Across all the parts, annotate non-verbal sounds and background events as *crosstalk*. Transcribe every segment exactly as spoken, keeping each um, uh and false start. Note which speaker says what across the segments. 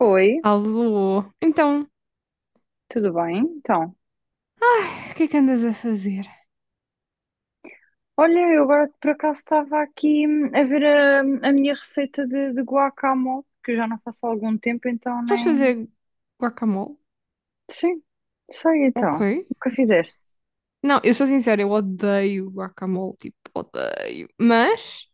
Speaker 1: Oi,
Speaker 2: Alô? Então,
Speaker 1: tudo bem? Então,
Speaker 2: ai, o que é que andas a fazer?
Speaker 1: olha, eu agora por acaso estava aqui hum, a ver a, a minha receita de, de guacamole, que eu já não faço há algum tempo, então
Speaker 2: Estás a fazer
Speaker 1: nem.
Speaker 2: guacamole?
Speaker 1: Sim, sei então.
Speaker 2: Ok.
Speaker 1: O que fizeste?
Speaker 2: Não, eu sou sincera, eu odeio guacamole, tipo, odeio. Mas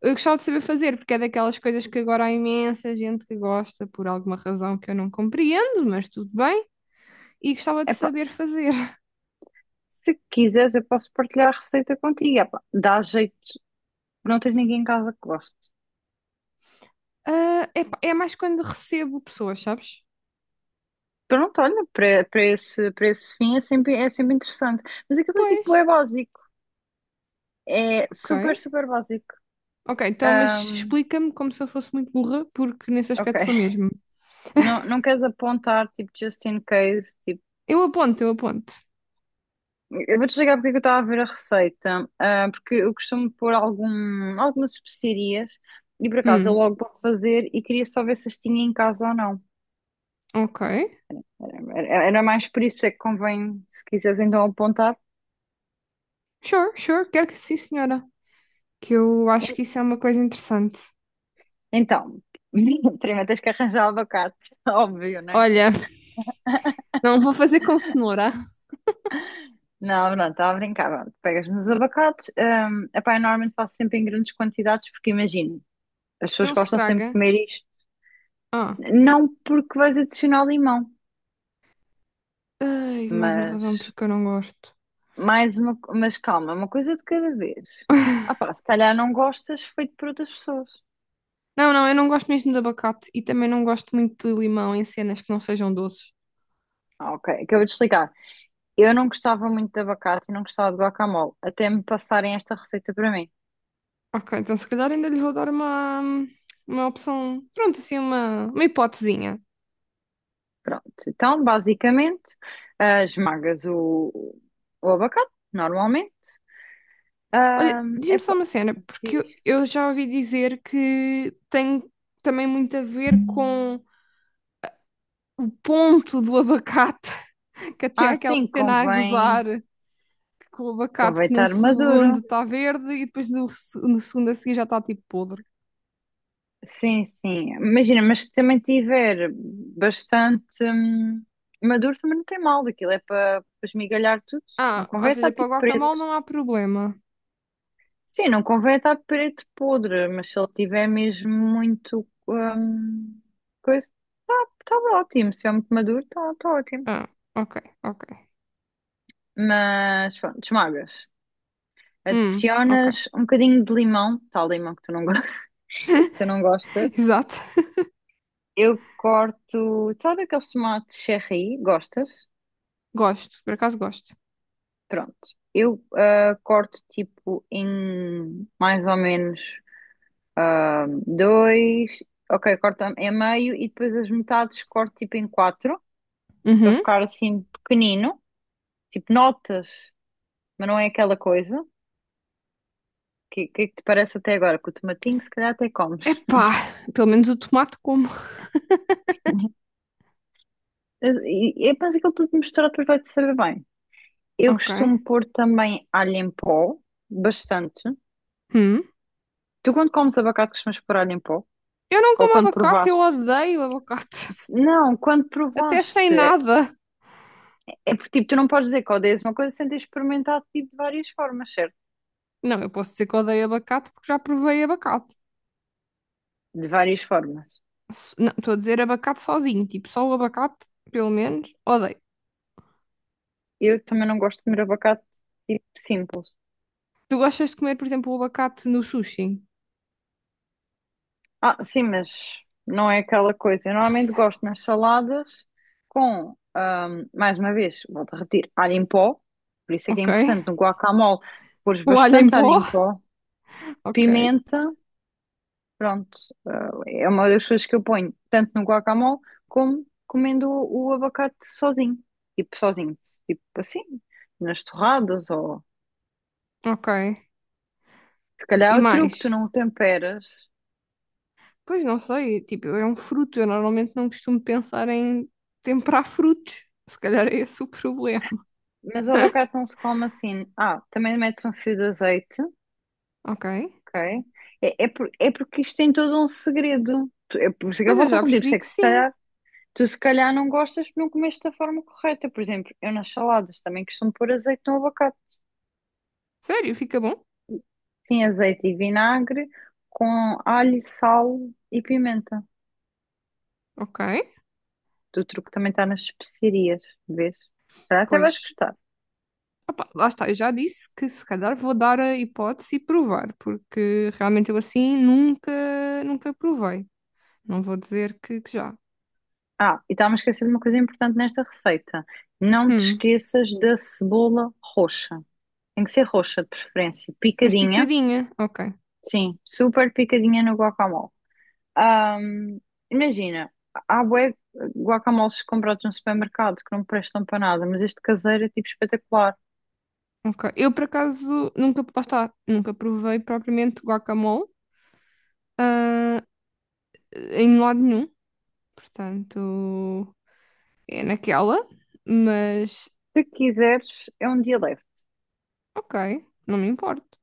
Speaker 2: eu gostava de saber fazer, porque é daquelas coisas que agora há imensa gente que gosta por alguma razão que eu não compreendo, mas tudo bem. E gostava de
Speaker 1: Epá,
Speaker 2: saber fazer.
Speaker 1: se quiseres, eu posso partilhar a receita contigo. Epá, dá jeito, não tens ninguém em casa que goste.
Speaker 2: Ah, epá, é mais quando recebo pessoas, sabes?
Speaker 1: Pronto, olha, para, para esse, para esse fim é sempre, é sempre interessante. Mas aquilo é
Speaker 2: Pois,
Speaker 1: tipo, é básico. É super,
Speaker 2: ok.
Speaker 1: super básico.
Speaker 2: Ok, então, mas explica-me como se eu fosse muito burra, porque nesse
Speaker 1: Ok.
Speaker 2: aspecto sou
Speaker 1: *laughs*
Speaker 2: mesmo.
Speaker 1: Não, não queres apontar, tipo, just in case, tipo.
Speaker 2: Eu aponto, eu aponto.
Speaker 1: Eu vou-te explicar porque é que eu estava a ver a receita. Ah, porque eu costumo pôr algum, algumas especiarias e por acaso eu
Speaker 2: Hum,
Speaker 1: logo vou fazer e queria só ver se as tinha em casa ou não.
Speaker 2: ok.
Speaker 1: Era era mais por isso, é que convém, se quiseres então apontar.
Speaker 2: Sure, sure, quero que sim, senhora. Que eu acho
Speaker 1: En-
Speaker 2: que isso é uma coisa interessante.
Speaker 1: Então, *laughs* primeiro tens que arranjar abacate, *laughs* óbvio, não é?
Speaker 2: Olha, *laughs* não vou fazer com cenoura.
Speaker 1: Não, não, estava a brincar. Pronto, pegas nos abacates. Um, epá, eu normalmente faço sempre em grandes quantidades porque imagino, as pessoas
Speaker 2: Não se
Speaker 1: gostam sempre de
Speaker 2: estraga.
Speaker 1: comer isto.
Speaker 2: Ah,
Speaker 1: Não porque vais adicionar limão,
Speaker 2: ai, mais uma razão
Speaker 1: mas.
Speaker 2: porque eu não gosto.
Speaker 1: Mais uma, mas calma, uma coisa de cada vez. Ah
Speaker 2: *laughs*
Speaker 1: pá, se calhar não gostas feito por outras pessoas.
Speaker 2: Não, não, eu não gosto mesmo de abacate e também não gosto muito de limão em cenas que não sejam doces.
Speaker 1: Ah, ok, acabei de explicar. Eu não gostava muito de abacate e não gostava de guacamole, até me passarem esta receita para mim.
Speaker 2: Ok, então se calhar ainda lhe vou dar uma, uma opção, pronto, assim, uma, uma hipotezinha.
Speaker 1: Pronto, então basicamente ah, esmagas o, o abacate, normalmente.
Speaker 2: Olha,
Speaker 1: Ah,
Speaker 2: diz-me
Speaker 1: é
Speaker 2: só
Speaker 1: pa-
Speaker 2: uma cena, porque
Speaker 1: diz.
Speaker 2: eu, eu já ouvi dizer que tem também muito a ver com o ponto do abacate, *laughs* que até é
Speaker 1: Ah,
Speaker 2: aquela
Speaker 1: sim,
Speaker 2: cena a gozar
Speaker 1: convém,
Speaker 2: com o abacate
Speaker 1: convém
Speaker 2: que num
Speaker 1: estar maduro.
Speaker 2: segundo está verde e depois no, se- no segundo a seguir já está tipo podre.
Speaker 1: Sim, sim. Imagina, mas se também tiver bastante hum, maduro, também não tem mal. Aquilo é para esmigalhar tudo. Não
Speaker 2: Ah, ou
Speaker 1: convém
Speaker 2: seja,
Speaker 1: estar
Speaker 2: para o
Speaker 1: tipo
Speaker 2: guacamole
Speaker 1: preto.
Speaker 2: não há problema.
Speaker 1: Sim, não convém estar preto podre, mas se ele tiver mesmo muito hum, coisa, está tá tá ótimo. Se é muito maduro, está tá tá ótimo.
Speaker 2: Ah, ok, ok.
Speaker 1: Mas pronto, esmagas.
Speaker 2: Hum, ok.
Speaker 1: Adicionas um bocadinho de limão, tal limão que tu não, go- *laughs* que tu não
Speaker 2: *laughs*
Speaker 1: gostas.
Speaker 2: Exato.
Speaker 1: Eu corto, sabe aqueles tomates cherry? Gostas?
Speaker 2: Gosto, por acaso gosto.
Speaker 1: Pronto, eu ah, corto tipo em mais ou menos ah, dois, ok, corto em meio e depois as metades corto tipo em quatro para
Speaker 2: Uhum.
Speaker 1: ficar assim pequenino, tipo notas, mas não é aquela coisa. que, que, é que te parece até agora? Que o tomatinho se calhar até comes.
Speaker 2: Epá, pelo menos o tomate como.
Speaker 1: *laughs* E, e penso que aquilo tudo misturado depois vai-te saber bem. Eu
Speaker 2: Ok.
Speaker 1: costumo pôr também alho em pó, bastante.
Speaker 2: Hum.
Speaker 1: Tu quando comes abacate costumas pôr alho em pó?
Speaker 2: Eu não
Speaker 1: Ou
Speaker 2: como
Speaker 1: quando
Speaker 2: abacate, eu
Speaker 1: provaste?
Speaker 2: odeio abacate.
Speaker 1: Se- Não, quando
Speaker 2: Até sem
Speaker 1: provaste. É,
Speaker 2: nada.
Speaker 1: é porque tipo, tu não podes dizer que odeias uma coisa sem ter experimentado tipo, de várias formas, certo?
Speaker 2: Não, eu posso dizer que odeio abacate porque já provei abacate.
Speaker 1: De várias formas.
Speaker 2: so- Não, estou a dizer abacate sozinho, tipo, só o abacate, pelo menos, odeio.
Speaker 1: Eu também não gosto de comer abacate tipo simples.
Speaker 2: Tu gostas de comer, por exemplo, o abacate no sushi?
Speaker 1: Ah, sim, mas não é aquela coisa. Eu normalmente
Speaker 2: Horrível.
Speaker 1: gosto nas saladas com, ahm, mais uma vez, volto a repetir, alho em pó. Por isso é que é
Speaker 2: Ok.
Speaker 1: importante no guacamole pôres
Speaker 2: O alho em
Speaker 1: bastante
Speaker 2: pó?
Speaker 1: alho em pó,
Speaker 2: Ok.
Speaker 1: pimenta. Pronto, eh, é uma das coisas que eu ponho tanto no guacamole como comendo o, o abacate sozinho. Tipo, sozinho. Tipo assim, nas torradas ou.
Speaker 2: Ok.
Speaker 1: Se
Speaker 2: E
Speaker 1: calhar é o
Speaker 2: mais?
Speaker 1: truque, tu não o temperas,
Speaker 2: Pois não sei, tipo, é um fruto, eu normalmente não costumo pensar em temperar frutos. Se calhar é esse o problema.
Speaker 1: mas o abacate não se come assim. Ah, também metes um fio de azeite,
Speaker 2: Ok.
Speaker 1: ok? É, é, por- é porque isto tem todo um segredo. Tu- É por isso que eu
Speaker 2: Pois eu
Speaker 1: volto a
Speaker 2: já
Speaker 1: repetir, por
Speaker 2: percebi
Speaker 1: isso é
Speaker 2: que
Speaker 1: que se
Speaker 2: sim.
Speaker 1: calhar. Tu se calhar não gostas porque não comeste da forma correta. Por exemplo, eu nas saladas também costumo pôr azeite no abacate.
Speaker 2: Sério, fica bom?
Speaker 1: Sim, azeite e vinagre com alho, sal e pimenta.
Speaker 2: Ok.
Speaker 1: O truque também está nas especiarias, vês? Se calhar até vais
Speaker 2: Pois.
Speaker 1: gostar.
Speaker 2: Opá, lá está, eu já disse que se calhar vou dar a hipótese e provar, porque realmente eu assim nunca, nunca provei. Não vou dizer que, que já.
Speaker 1: Ah, e estava-me a esquecer de uma coisa importante nesta receita. Não te
Speaker 2: Hum,
Speaker 1: esqueças da cebola roxa. Tem que ser roxa, de preferência.
Speaker 2: mas
Speaker 1: Picadinha.
Speaker 2: picadinha, ok,
Speaker 1: Sim, super picadinha no guacamole. Ahm, Imagina, há bué guacamoles comprados no supermercado que não prestam para nada, mas este caseiro é tipo espetacular.
Speaker 2: ok. Eu por acaso nunca, lá está, nunca provei propriamente guacamole, ah, em lado nenhum, portanto é naquela, mas
Speaker 1: Se quiseres, é um dia leve.
Speaker 2: ok, não me importo.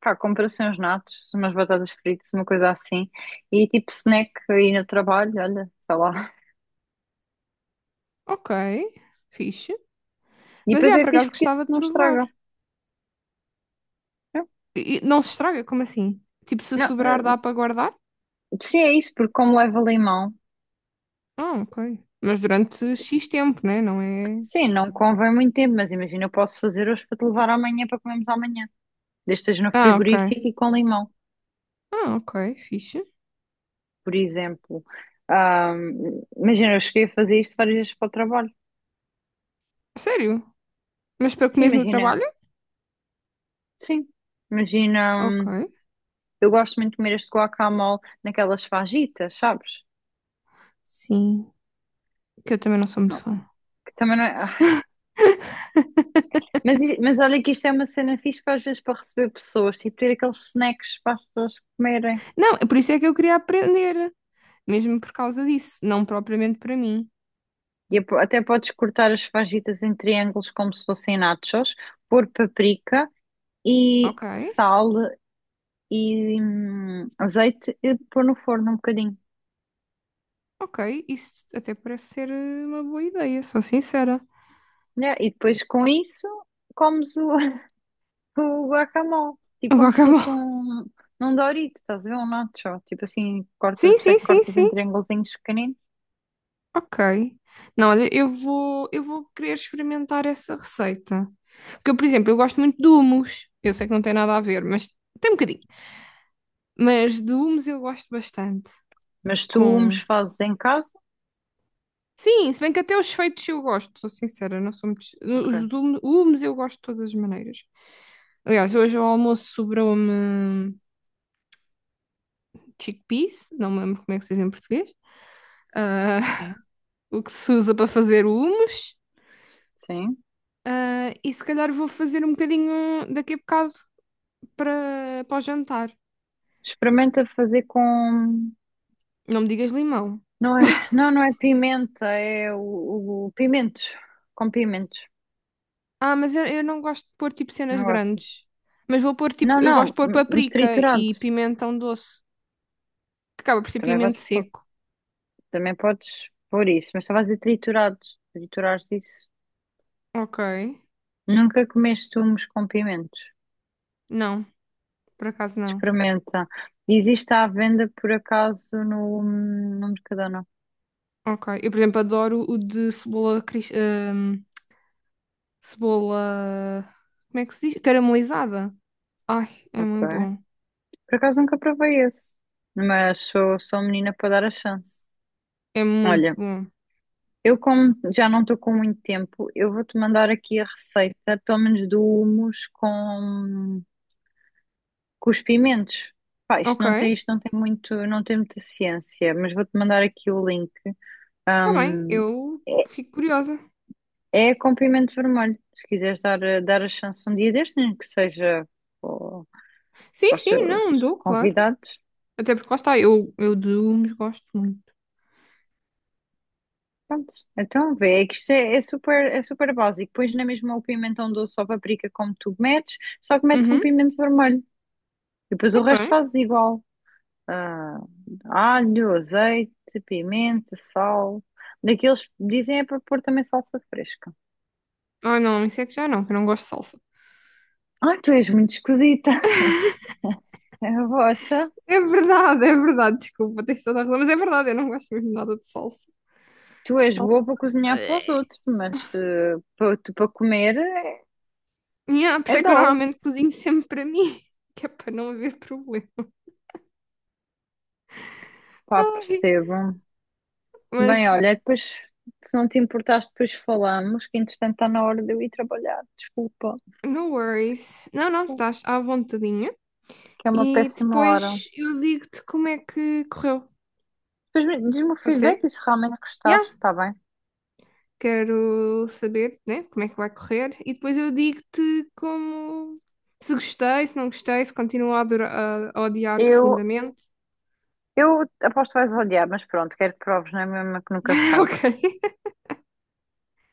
Speaker 1: Pá, compra assim uns natos, umas batatas fritas, uma coisa assim. E tipo snack aí no trabalho, olha, sei lá.
Speaker 2: Ok, fixe.
Speaker 1: E
Speaker 2: Mas
Speaker 1: depois
Speaker 2: é,
Speaker 1: é
Speaker 2: por
Speaker 1: fixe
Speaker 2: acaso
Speaker 1: porque
Speaker 2: gostava
Speaker 1: isso
Speaker 2: de
Speaker 1: não
Speaker 2: provar.
Speaker 1: estraga. É.
Speaker 2: E- e não se estraga, como assim? Tipo, se
Speaker 1: Não,
Speaker 2: sobrar dá
Speaker 1: eh,
Speaker 2: para guardar?
Speaker 1: sim, é isso, porque como leva limão,
Speaker 2: Ah, ok. Mas durante
Speaker 1: se-
Speaker 2: X tempo, né? Não é.
Speaker 1: sim, não convém muito tempo, mas imagina, eu posso fazer hoje para te levar amanhã para comermos amanhã. Desde que esteja no
Speaker 2: Ah, ok.
Speaker 1: frigorífico e com limão,
Speaker 2: Ah, ok, fixe.
Speaker 1: por exemplo. Ahm, imagina, eu cheguei a fazer isto várias vezes para o trabalho.
Speaker 2: Sério? Mas para
Speaker 1: Sim,
Speaker 2: comer no
Speaker 1: imagina,
Speaker 2: trabalho?
Speaker 1: sim. Imagina,
Speaker 2: Ok.
Speaker 1: hum, eu gosto muito de comer este guacamole naquelas fajitas, sabes?
Speaker 2: Sim, que eu também não sou muito
Speaker 1: Não,
Speaker 2: fã.
Speaker 1: que também não é. Ah, Mas, i- mas olha que isto é uma cena fixe para às vezes para receber pessoas, tipo ter aqueles snacks para as pessoas comerem.
Speaker 2: Não, é por isso é que eu queria aprender. Mesmo por causa disso, não propriamente para mim.
Speaker 1: E ap- até podes cortar as fajitas em triângulos como se fossem nachos, pôr paprika e
Speaker 2: Ok,
Speaker 1: sal e hum, azeite e pôr no forno um bocadinho.
Speaker 2: ok, isso até parece ser eh, uma boa ideia, sou sincera.
Speaker 1: Né? E depois com isso comes o, *laughs* o guacamole, tipo
Speaker 2: Um
Speaker 1: como se
Speaker 2: guacamole.
Speaker 1: fosse
Speaker 2: *laughs*
Speaker 1: um, um, Dorito, estás a ver? Um nacho, tipo assim, corta,
Speaker 2: Sim,
Speaker 1: por isso é
Speaker 2: sim,
Speaker 1: que
Speaker 2: sim,
Speaker 1: cortas em
Speaker 2: sim.
Speaker 1: triângulos.
Speaker 2: Ok. Não, olha, eu vou, eu vou querer experimentar essa receita. Porque, eu, por exemplo, eu gosto muito de hummus. Eu sei que não tem nada a ver, mas tem um bocadinho. Mas de hummus eu gosto bastante.
Speaker 1: Mas tu os
Speaker 2: Com...
Speaker 1: fazes em casa?
Speaker 2: Sim, se bem que até os feitos eu gosto, sou sincera, não sou muito...
Speaker 1: Ok,
Speaker 2: Os hum- hummus eu gosto de todas as maneiras. Aliás, hoje ao almoço sobrou-me chickpeas, não me lembro como é que se diz em português. Ah, *laughs*
Speaker 1: sim.
Speaker 2: o que se usa para fazer o hummus.
Speaker 1: Sim.
Speaker 2: Ah, e se calhar vou fazer um bocadinho daqui a bocado para, para o jantar.
Speaker 1: Experimenta fazer com.
Speaker 2: Não me digas limão.
Speaker 1: Não é, não, não é pimenta, é o, o pimentos. Com pimentos.
Speaker 2: Ah, mas eu, eu não gosto de pôr tipo cenas
Speaker 1: Não gostas?
Speaker 2: grandes. Mas vou pôr tipo,
Speaker 1: Não,
Speaker 2: eu gosto de
Speaker 1: não,
Speaker 2: pôr
Speaker 1: m- mas
Speaker 2: paprika
Speaker 1: triturado.
Speaker 2: e pimentão doce, que acaba por ser
Speaker 1: Também
Speaker 2: pimento
Speaker 1: podes, pôr-
Speaker 2: seco.
Speaker 1: também podes pôr isso, mas só a dizer triturado. Triturares isso.
Speaker 2: Ok.
Speaker 1: Nunca comeste humos com pimentos.
Speaker 2: Não, por acaso não.
Speaker 1: Experimenta. Existe à venda por acaso no, no Mercadona.
Speaker 2: Ok. Eu, por exemplo, adoro o de cebola, cris- hum, cebola, como é que se diz? Caramelizada. Ai, é muito
Speaker 1: Ok.
Speaker 2: bom.
Speaker 1: Por acaso nunca provei esse, mas sou, sou menina para dar a chance.
Speaker 2: É muito
Speaker 1: Olha,
Speaker 2: bom.
Speaker 1: eu como já não estou com muito tempo, eu vou-te mandar aqui a receita, pelo menos do hummus com, com os pimentos. Pá, isto
Speaker 2: Ok,
Speaker 1: não tem, isto não tem muito, não tem muita ciência, mas vou-te mandar aqui o link.
Speaker 2: tá bem.
Speaker 1: Ahm,
Speaker 2: Eu fico curiosa.
Speaker 1: é, é com pimento vermelho. Se quiseres dar, dar a chance um dia destes, nem que seja para,
Speaker 2: Sim,
Speaker 1: para os
Speaker 2: sim,
Speaker 1: teus
Speaker 2: não, dou, claro.
Speaker 1: convidados.
Speaker 2: Até porque lá está, eu, eu de legumes gosto muito.
Speaker 1: Pronto, então vê, é que isto é, é super, é super básico. Pões na mesma o pimentão doce ou paprika como tu metes, só que metes um
Speaker 2: Uhum,
Speaker 1: pimento vermelho. E depois o
Speaker 2: ok.
Speaker 1: resto fazes igual. Ah, alho, azeite, pimenta, sal. Daqueles dizem é para pôr também salsa fresca.
Speaker 2: Ah, não, isso é que já não, que eu não gosto de salsa.
Speaker 1: Ah, tu és muito esquisita. *laughs* É a rocha,
Speaker 2: É verdade, é verdade, desculpa, tens toda a razão, mas é verdade, eu não gosto mesmo nada de salsa.
Speaker 1: tu és
Speaker 2: Salsa.
Speaker 1: boa para cozinhar para os
Speaker 2: eh.
Speaker 1: outros, mas eh, para, tu- para comer
Speaker 2: Yeah, por isso
Speaker 1: é
Speaker 2: é que eu
Speaker 1: dose.
Speaker 2: normalmente cozinho sempre para mim, *laughs* que é para não haver problema.
Speaker 1: Pá,
Speaker 2: Ai,
Speaker 1: percebo. Bem,
Speaker 2: mas
Speaker 1: olha, depois, se não te importares, depois falamos, que entretanto está na hora de eu ir trabalhar. Desculpa,
Speaker 2: no worries. Não, não, estás à vontadinha.
Speaker 1: que é uma
Speaker 2: E
Speaker 1: péssima hora.
Speaker 2: depois eu digo-te como é que correu.
Speaker 1: Depois me- diz-me o
Speaker 2: Pode
Speaker 1: feedback
Speaker 2: ser?
Speaker 1: e se realmente
Speaker 2: Já
Speaker 1: gostaste, está bem?
Speaker 2: quero saber, né, como é que vai correr e depois eu digo-te como se gostei, se não gostei, se continuo a, adora- a- a odiar
Speaker 1: Eu,
Speaker 2: profundamente.
Speaker 1: eu aposto que vais odiar, mas pronto, quero que proves, não é mesmo que nunca se
Speaker 2: *laughs*
Speaker 1: sabe.
Speaker 2: Ok,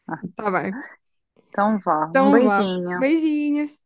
Speaker 1: Ah,
Speaker 2: tá bem.
Speaker 1: então vá, um
Speaker 2: Então vá.
Speaker 1: beijinho.
Speaker 2: Beijinhos.